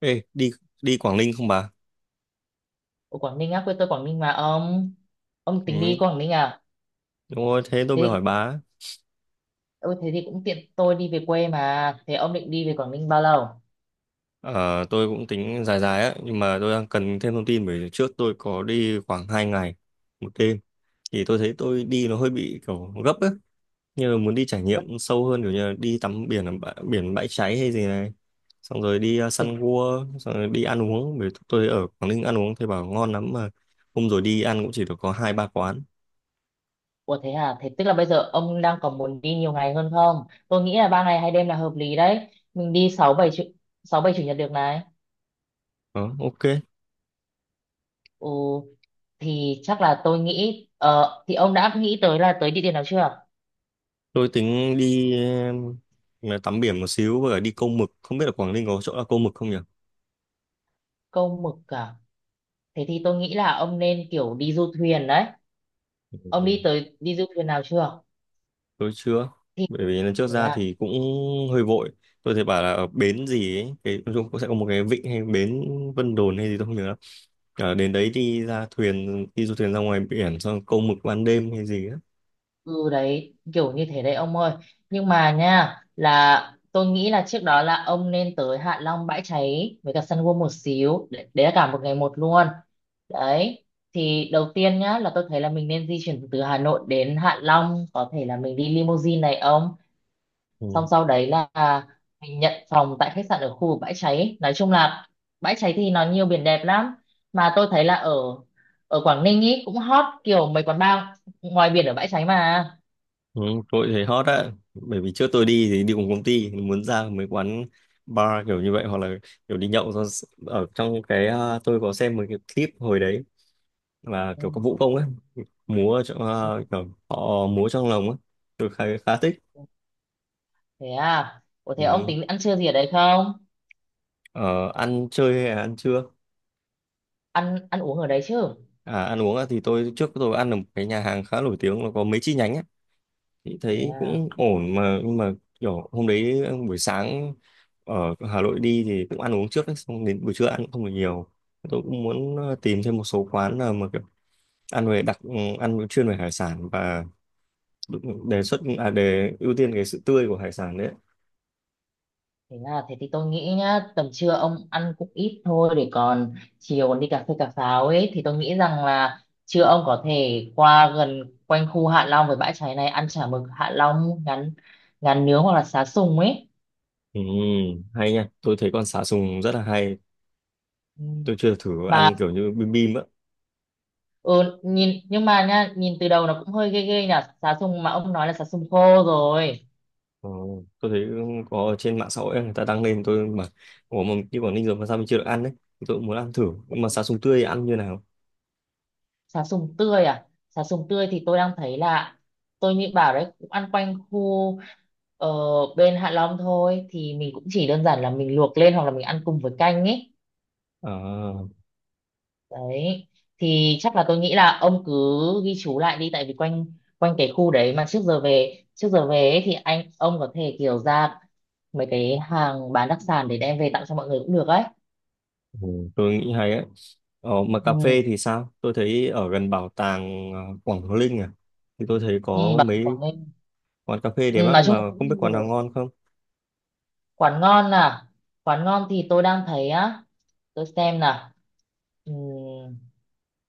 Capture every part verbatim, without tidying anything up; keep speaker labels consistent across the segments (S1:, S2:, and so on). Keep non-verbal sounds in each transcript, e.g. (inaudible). S1: Ê, đi đi Quảng Ninh không bà?
S2: Ở Quảng Ninh á, quê tôi Quảng Ninh mà ông ông tính đi
S1: Ừ,
S2: Quảng Ninh à?
S1: đúng rồi, thế tôi mới
S2: Thế
S1: hỏi bà.
S2: ừ, thế thì cũng tiện tôi đi về quê mà. Thế ông định đi về Quảng Ninh bao lâu?
S1: Ờ, tôi cũng tính dài dài á, nhưng mà tôi đang cần thêm thông tin bởi trước tôi có đi khoảng hai ngày một đêm thì tôi thấy tôi đi nó hơi bị kiểu gấp á. Như là muốn đi trải
S2: Nhất-
S1: nghiệm sâu hơn kiểu như là đi tắm biển ở bã- biển Bãi Cháy hay gì này. Xong rồi đi uh,
S2: thế-
S1: săn cua, xong rồi đi ăn uống bởi tôi ở Quảng Ninh ăn uống thì bảo ngon lắm mà hôm rồi đi ăn cũng chỉ được có hai ba quán.
S2: Ủa thế à? Thế tức là bây giờ ông đang còn muốn đi nhiều ngày hơn không? Tôi nghĩ là ba ngày hai đêm là hợp lý đấy. Mình đi sáu bảy chủ sáu bảy chủ nhật được này.
S1: Ờ, ok.
S2: Ừ, thì chắc là tôi nghĩ ờ, thì ông đã nghĩ tới là tới địa điểm nào chưa?
S1: Tôi tính đi ờ, tắm biển một xíu và đi câu mực. Không biết là Quảng Ninh có chỗ là câu mực không nhỉ?
S2: Câu Mực à? Thế thì tôi nghĩ là ông nên kiểu đi du thuyền đấy. Ông đi tới đi du thuyền nào chưa?
S1: Tôi chưa.
S2: Thì
S1: Bởi vì lần trước
S2: thế
S1: ra
S2: à?
S1: thì cũng hơi vội. Tôi thấy bảo là ở bến gì ấy. Cái, nói chung cũng sẽ có một cái vịnh hay bến Vân Đồn hay gì tôi không nhớ lắm. Ở đến đấy đi ra thuyền, đi du thuyền ra ngoài biển xong câu mực ban đêm hay gì á.
S2: Ừ, đấy kiểu như thế đấy ông ơi, nhưng mà nha là tôi nghĩ là trước đó là ông nên tới Hạ Long Bãi Cháy với cả Sun World một xíu đấy, đấy là cả một ngày một luôn đấy. Thì đầu tiên nhá là tôi thấy là mình nên di chuyển từ Hà Nội đến Hạ Long, có thể là mình đi limousine này ông,
S1: Ừ.
S2: xong sau đấy là mình nhận phòng tại khách sạn ở khu vực Bãi Cháy. Nói chung là Bãi Cháy thì nó nhiều biển đẹp lắm, mà tôi thấy là ở ở Quảng Ninh ý cũng hot kiểu mấy quán bar ngoài biển ở Bãi Cháy mà.
S1: Ừ, tôi thấy hot á. Bởi vì trước tôi đi thì đi cùng công ty. Muốn ra mấy quán bar kiểu như vậy hoặc là kiểu đi nhậu xong s- ở trong cái à, tôi có xem một cái clip hồi đấy và
S2: Ừ.
S1: kiểu có vũ công ấy múa ở trong
S2: Ừ,
S1: ờ, kiểu họ múa trong lồng ấy tôi khá, khá thích
S2: thế à, ủa thế ông
S1: ừ.
S2: tính ăn trưa gì ở đấy không?
S1: Ờ, ăn chơi hay là ăn trưa?
S2: Ăn ăn uống ở đấy chứ.
S1: À, ăn uống á thì tôi trước tôi ăn ở một cái nhà hàng khá nổi tiếng nó có mấy chi nhánh ấy thì
S2: Thế
S1: thấy
S2: à.
S1: cũng ổn mà nhưng mà kiểu hôm đấy ờ, buổi sáng ở Hà Nội đi thì cũng ăn uống trước ấy, xong đến buổi trưa ăn cũng không được nhiều tôi cũng muốn ờ, tìm thêm một số quán nào mà kiểu ăn về đặc ừ, ăn chuyên về hải sản và đề xuất à, đề ưu tiên cái sự tươi của hải sản đấy.
S2: Thế à. Thế thì tôi nghĩ nhá, tầm trưa ông ăn cũng ít thôi để còn chiều còn đi cà phê cà pháo ấy, thì tôi nghĩ rằng là trưa ông có thể qua gần quanh khu Hạ Long với Bãi Cháy này, ăn chả mực Hạ Long, ngắn ngắn nướng hoặc là xá sùng ấy.
S1: Ừ, hay nha, tôi thấy con sá sùng rất là hay.
S2: Ừ.
S1: Tôi chưa thử
S2: Mà
S1: ăn kiểu như bim bim á.
S2: ừ, nhìn nhưng mà nhá nhìn từ đầu nó cũng hơi ghê ghê nhỉ, xá sùng mà ông nói là xá sùng khô rồi.
S1: Ờ, tôi thấy có ở trên mạng xã hội ấy, người ta đăng lên tôi mà ủa mà như Quảng Ninh rồi mà sao mình chưa được ăn đấy. Tôi cũng muốn ăn thử, nhưng mà sá sùng tươi ăn như nào?
S2: Sá sùng tươi à? Sá sùng tươi thì tôi đang thấy là tôi nghĩ bảo đấy cũng ăn quanh khu ở bên Hạ Long thôi, thì mình cũng chỉ đơn giản là mình luộc lên hoặc là mình ăn cùng với canh ấy.
S1: À,
S2: Đấy. Thì chắc là tôi nghĩ là ông cứ ghi chú lại đi, tại vì quanh quanh cái khu đấy mà trước giờ về trước giờ về ấy, thì anh ông có thể kiểu ra mấy cái hàng bán đặc sản để đem về tặng cho mọi người cũng được ấy.
S1: ừ, tôi nghĩ hay ấy. Ờ, mà
S2: Ừ,
S1: cà phê thì sao? Tôi thấy ở gần bảo tàng ờ, Quảng Hồ Linh à, thì tôi thấy
S2: ừ,
S1: có
S2: bà
S1: mấy
S2: Quảng Ninh.
S1: quán cà phê đẹp
S2: Ừ, nói
S1: lắm
S2: chung là
S1: mà
S2: cũng
S1: không biết quán nào
S2: nhiều.
S1: ngon không?
S2: Quán ngon à? Quán ngon thì tôi đang thấy á, tôi xem nào. Ừm,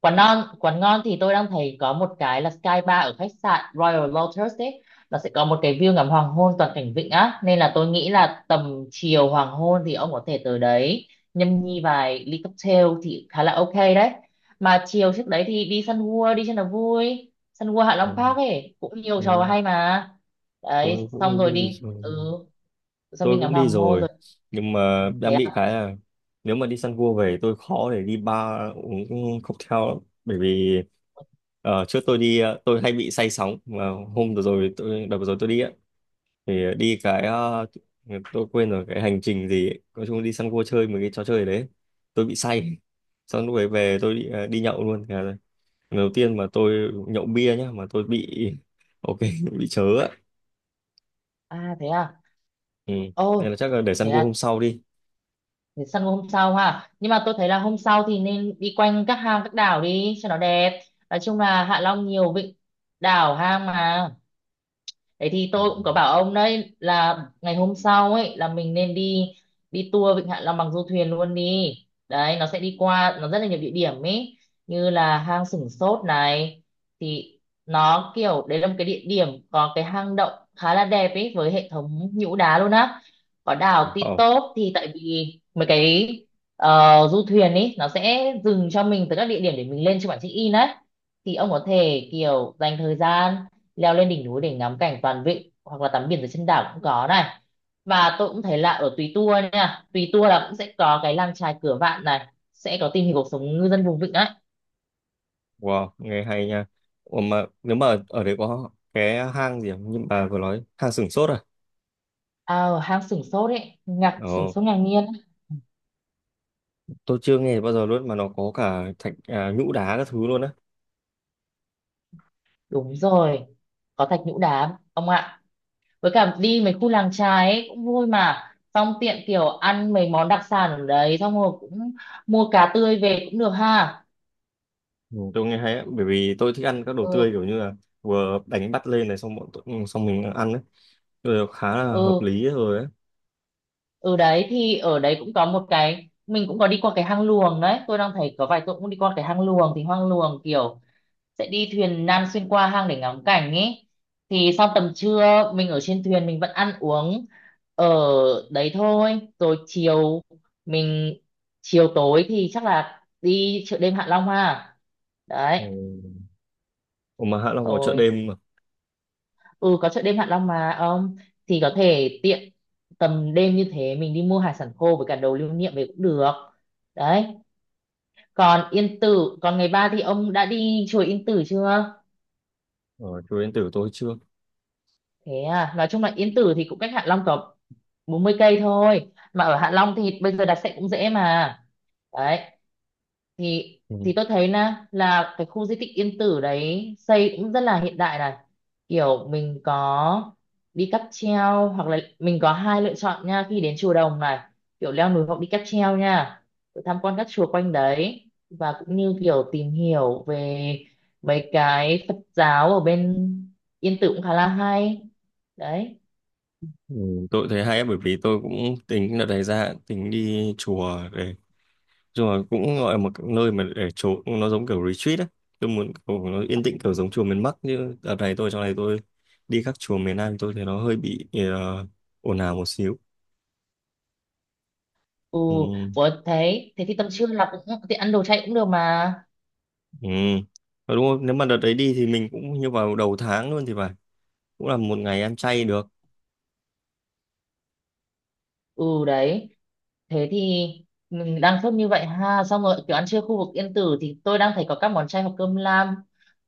S2: quán ngon quán ngon thì tôi đang thấy có một cái là Sky Bar ở khách sạn Royal Lotus ấy, nó sẽ có một cái view ngắm hoàng hôn toàn cảnh vịnh á, nên là tôi nghĩ là tầm chiều hoàng hôn thì ông có thể tới đấy nhâm nhi vài ly cocktail thì khá là ok đấy. Mà chiều trước đấy thì đi Sun World đi cho nó vui, Sun World Hạ
S1: Ừ,
S2: Long Park ấy cũng nhiều trò
S1: ừ,
S2: hay mà.
S1: tôi
S2: Đấy, xong rồi
S1: cũng đi
S2: đi
S1: rồi.
S2: ừ xong đi
S1: Tôi
S2: ngắm
S1: cũng
S2: hoàng
S1: đi
S2: hôn
S1: rồi
S2: rồi.
S1: nhưng
S2: Ừ,
S1: mà
S2: thế
S1: đang bị
S2: à,
S1: cái là nếu mà đi săn cua về tôi khó để đi bar uống cocktail lắm bởi vì ờ, trước tôi đi ờ, tôi hay bị say sóng mà hôm vừa rồi tôi đợt vừa rồi tôi đi á thì đi cái ờ, tôi quên rồi cái hành trình gì ấy. Nói chung đi săn cua chơi một cái trò chơi đấy tôi bị say xong lúc ấy về tôi đi, ờ, đi nhậu luôn. Thế là lần đầu tiên mà tôi nhậu bia nhá mà tôi bị (laughs) ok bị chớ á
S2: à thế à,
S1: ừ.
S2: ôi
S1: Nên là chắc là để
S2: thế
S1: săn cua
S2: à,
S1: hôm sau đi.
S2: thì săn hôm sau ha, nhưng mà tôi thấy là hôm sau thì nên đi quanh các hang các đảo đi cho nó đẹp, nói chung là Hạ Long nhiều vịnh đảo hang mà. Thế thì tôi cũng có bảo ông đấy là ngày hôm sau ấy là mình nên đi đi tour Vịnh Hạ Long bằng du thuyền luôn đi. Đấy, nó sẽ đi qua nó rất là nhiều địa điểm ấy, như là hang Sửng Sốt này, thì nó kiểu đấy là một cái địa điểm có cái hang động khá là đẹp ấy với hệ thống nhũ đá luôn á. Có đảo Ti
S1: Ờ.
S2: Tốp, thì tại vì mấy cái ờ, du thuyền ấy nó sẽ dừng cho mình tới các địa điểm để mình lên trên bản check-in đấy, thì ông có thể kiểu dành thời gian leo lên đỉnh núi để ngắm cảnh toàn vịnh hoặc là tắm biển dưới chân đảo cũng có này. Và tôi cũng thấy là ở Tùy Tua nha, Tùy Tua là cũng sẽ có cái làng chài Cửa Vạn này, sẽ có tìm hiểu cuộc sống ngư dân vùng vịnh đấy.
S1: Wow, nghe hay nha. Ủa mà nếu mà ở đấy có cái hang gì không? Nhưng bà vừa nói hang Sửng Sốt à?
S2: À, ở hang Sửng Sốt ấy, ngạc sửng
S1: Ồ,
S2: sốt ngạc nhiên ấy.
S1: tôi chưa nghe bao giờ luôn mà nó có cả thạch à, nhũ đá các thứ luôn á.
S2: Đúng rồi, có thạch nhũ đá ông ạ, với cả đi mấy khu làng chài ấy cũng vui mà, xong tiện kiểu ăn mấy món đặc sản ở đấy xong rồi cũng mua cá tươi về cũng được ha.
S1: Ừ, tôi nghe hay á, bởi vì tôi thích ăn các đồ tươi
S2: Ừ.
S1: kiểu như là vừa đánh bắt lên này xong bọn tôi, ừ, xong mình ăn ấy. Tôi khá là hợp
S2: Ừ,
S1: lý rồi ấy.
S2: Ừ đấy thì ở đấy cũng có một cái, mình cũng có đi qua cái hang luồng đấy tôi đang thấy có vài tôi cũng đi qua cái hang luồng, thì hang luồng kiểu sẽ đi thuyền nan xuyên qua hang để ngắm cảnh ấy. Thì sau tầm trưa mình ở trên thuyền mình vẫn ăn uống ở đấy thôi, rồi chiều mình chiều tối thì chắc là đi chợ đêm Hạ Long ha.
S1: Ừ.
S2: Đấy,
S1: Ủa mà Hạ Long có chợ
S2: rồi
S1: đêm mà.
S2: ừ, có chợ đêm Hạ Long mà ông, thì có thể tiện tầm đêm như thế mình đi mua hải sản khô với cả đồ lưu niệm về cũng được đấy. Còn Yên Tử, còn ngày ba thì ông đã đi chùa Yên Tử chưa?
S1: Ở chùa Yên Tử tôi chưa.
S2: Thế à, nói chung là Yên Tử thì cũng cách Hạ Long tầm bốn mươi cây thôi mà, ở Hạ Long thì bây giờ đặt xe cũng dễ mà. Đấy, thì
S1: Ừ.
S2: thì tôi thấy nè là cái khu di tích Yên Tử đấy xây cũng rất là hiện đại này, kiểu mình có đi cáp treo hoặc là mình có hai lựa chọn nha khi đến chùa Đồng này, kiểu leo núi hoặc đi cáp treo nha, rồi tham quan các chùa quanh đấy và cũng như kiểu tìm hiểu về mấy cái Phật giáo ở bên Yên Tử cũng khá là hay đấy.
S1: Ừ, tôi thấy hay á, bởi vì tôi cũng tính đợt này ra tính đi chùa để rồi cũng gọi là một cái nơi mà để trốn nó giống kiểu retreat á tôi muốn kiểu nó yên tĩnh kiểu giống chùa miền Bắc chứ đợt này tôi trong này tôi đi các chùa miền Nam thì tôi thấy nó hơi bị ờ, ồn ào một xíu
S2: Ừ,
S1: ừ.
S2: ủa thế thế thì tầm trưa là cũng thì ăn đồ chay cũng được mà.
S1: Ừ. Ờ, đúng không nếu mà đợt đấy đi thì mình cũng như vào đầu tháng luôn thì phải cũng là một ngày ăn chay được
S2: Ừ đấy, thế thì mình đang sốt như vậy ha, xong rồi kiểu ăn trưa khu vực Yên Tử thì tôi đang thấy có các món chay hoặc cơm lam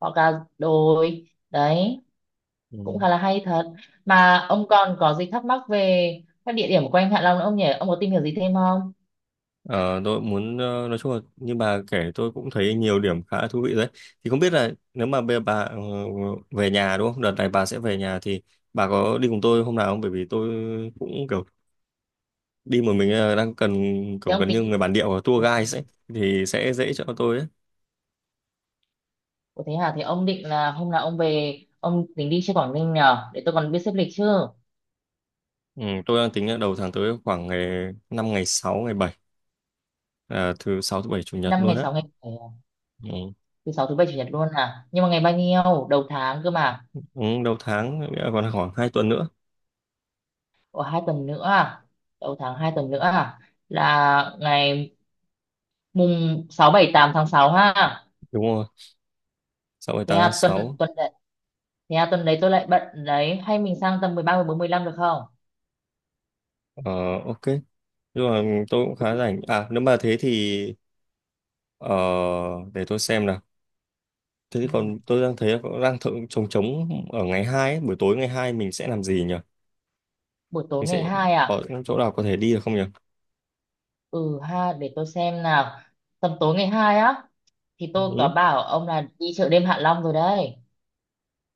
S2: hoặc là đồi đấy
S1: ừ.
S2: cũng khá là hay thật. Mà ông còn có gì thắc mắc về các địa điểm quanh Hạ Long nữa không nhỉ, ông có tìm hiểu gì thêm không?
S1: Ờ, tôi muốn ờ, nói chung là như bà kể tôi cũng thấy nhiều điểm khá thú vị đấy. Thì không biết là nếu mà bây giờ bà ờ, về nhà đúng không? Đợt này bà sẽ về nhà thì bà có đi cùng tôi hôm nào không? Bởi vì tôi cũng kiểu đi một mình ờ, đang cần
S2: Thế
S1: kiểu
S2: ông
S1: gần như
S2: tính
S1: người bản địa hoặc tour
S2: Ồ,
S1: guide ấy thì sẽ dễ cho tôi ấy.
S2: ồ, thế hả, thế ông định là hôm nào ông về ông tính đi chơi Quảng Ninh nhờ để tôi còn biết xếp lịch chứ?
S1: Ừ, tôi đang tính là đầu tháng tới khoảng ngày năm ngày sáu ngày bảy, à, thứ sáu thứ bảy chủ nhật
S2: Năm
S1: luôn
S2: ngày
S1: á.
S2: sáu ngày bảy à?
S1: Ừ.
S2: Thứ sáu thứ bảy chủ nhật luôn à, nhưng mà ngày bao nhiêu đầu tháng cơ mà?
S1: Ừ, đầu tháng nghĩa là còn khoảng hai tuần nữa.
S2: Ủa, hai tuần nữa à? Đầu tháng hai tuần nữa à? Là ngày mùng sáu bảy tám tháng sáu ha.
S1: Đúng rồi. Sáu ngày
S2: Thế
S1: tám tháng
S2: à, tuần
S1: sáu.
S2: tuần đấy, Thế à, tuần đấy tôi lại bận đấy. Hay mình sang tầm mười ba, mười bốn mười lăm được không?
S1: Ờ, ok. Nhưng mà tôi cũng khá
S2: Ừ.
S1: rảnh à nếu mà thế thì ờ, để tôi xem nào, thế thì
S2: Ừ.
S1: còn tôi đang thấy có- đang thử trống trống ở ngày hai ấy. Buổi tối ngày hai mình sẽ làm gì nhỉ,
S2: Buổi
S1: mình
S2: tối ngày
S1: sẽ
S2: hai
S1: có
S2: à?
S1: chỗ nào có thể đi được không nhỉ?
S2: Ừ ha, để tôi xem nào. Tầm tối ngày hai á, thì tôi có
S1: Ừ.
S2: bảo ông là đi chợ đêm Hạ Long rồi đấy.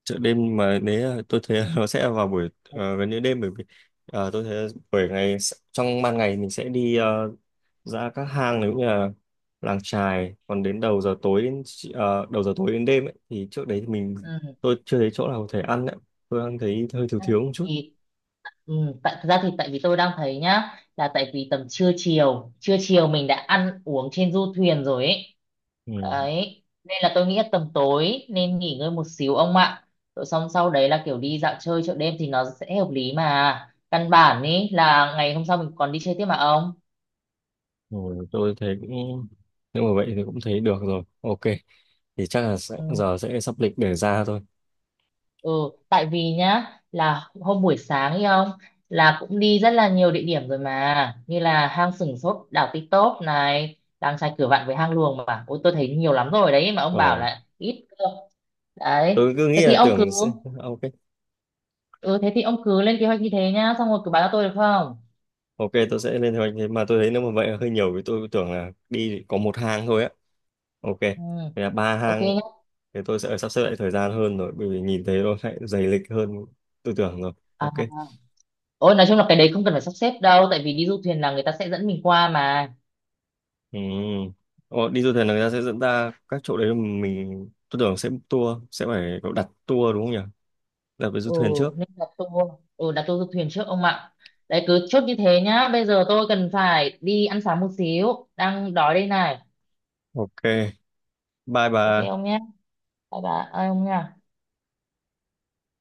S1: Chợ đêm mà nếu là- tôi thấy (laughs) nó sẽ vào buổi ờ, gần như đêm bởi vì ờ, tôi thấy bởi ngày trong ban ngày mình sẽ đi ờ, ra các hang nếu như là làng chài còn đến đầu giờ tối đến ờ, đầu giờ tối đến đêm ấy, thì trước đấy thì mình
S2: Ừ.
S1: tôi chưa thấy chỗ nào có thể ăn ấy. Tôi ăn thấy hơi thiếu thiếu một chút
S2: Thì ừ, tại thật ra thì tại vì tôi đang thấy nhá là tại vì tầm trưa chiều trưa chiều mình đã ăn uống trên du thuyền rồi ấy,
S1: ừ.
S2: đấy nên là tôi nghĩ là tầm tối nên nghỉ ngơi một xíu ông ạ, rồi xong sau đấy là kiểu đi dạo chơi chợ đêm thì nó sẽ hợp lý mà, căn bản ý là ngày hôm sau mình còn đi chơi tiếp mà ông.
S1: Rồi tôi thấy cũng nếu mà vậy thì cũng thấy được rồi ok thì chắc là sẽ,
S2: Ừ.
S1: giờ sẽ sắp lịch để ra thôi.
S2: Ừ, tại vì nhá là hôm buổi sáng ấy ông là cũng đi rất là nhiều địa điểm rồi mà, như là hang Sửng Sốt, đảo Ti Tốp này, làng chài Cửa Vạn với hang Luồng mà, ôi tôi thấy nhiều lắm rồi đấy mà ông bảo
S1: Ờ,
S2: là ít cơ. Đấy,
S1: tôi cứ
S2: thế
S1: nghĩ
S2: thì
S1: là
S2: ông cứ
S1: tưởng sẽ ok.
S2: ừ thế thì ông cứ lên kế hoạch như thế nhá, xong rồi cứ báo cho tôi được không?
S1: Ok tôi sẽ lên kế hoạch thế mà tôi thấy nếu mà vậy là hơi nhiều vì tôi tưởng là đi có một hang thôi á. Ok.
S2: Ừ,
S1: Thế là ba
S2: ok
S1: hang
S2: nhá.
S1: thì tôi sẽ sắp xếp lại thời gian hơn rồi bởi vì nhìn thấy nó lại dày lịch hơn tư tưởng rồi
S2: À,
S1: ok.
S2: ôi nói chung là cái đấy không cần phải sắp xếp đâu, tại vì đi du thuyền là người ta sẽ dẫn mình qua mà.
S1: Ừ. Ồ, đi du thuyền là người ta sẽ dẫn ta các chỗ đấy mình tôi tưởng sẽ book tour sẽ phải có đặt tour đúng không nhỉ? Đặt với du
S2: Ừ
S1: thuyền trước.
S2: nên đặt tour ừ đặt tour du thuyền trước ông ạ. Đấy, cứ chốt như thế nhá, bây giờ tôi cần phải đi ăn sáng một xíu đang đói đây này.
S1: Ok, bye
S2: Ok
S1: bà.
S2: ông nhé, bye bye ông nha.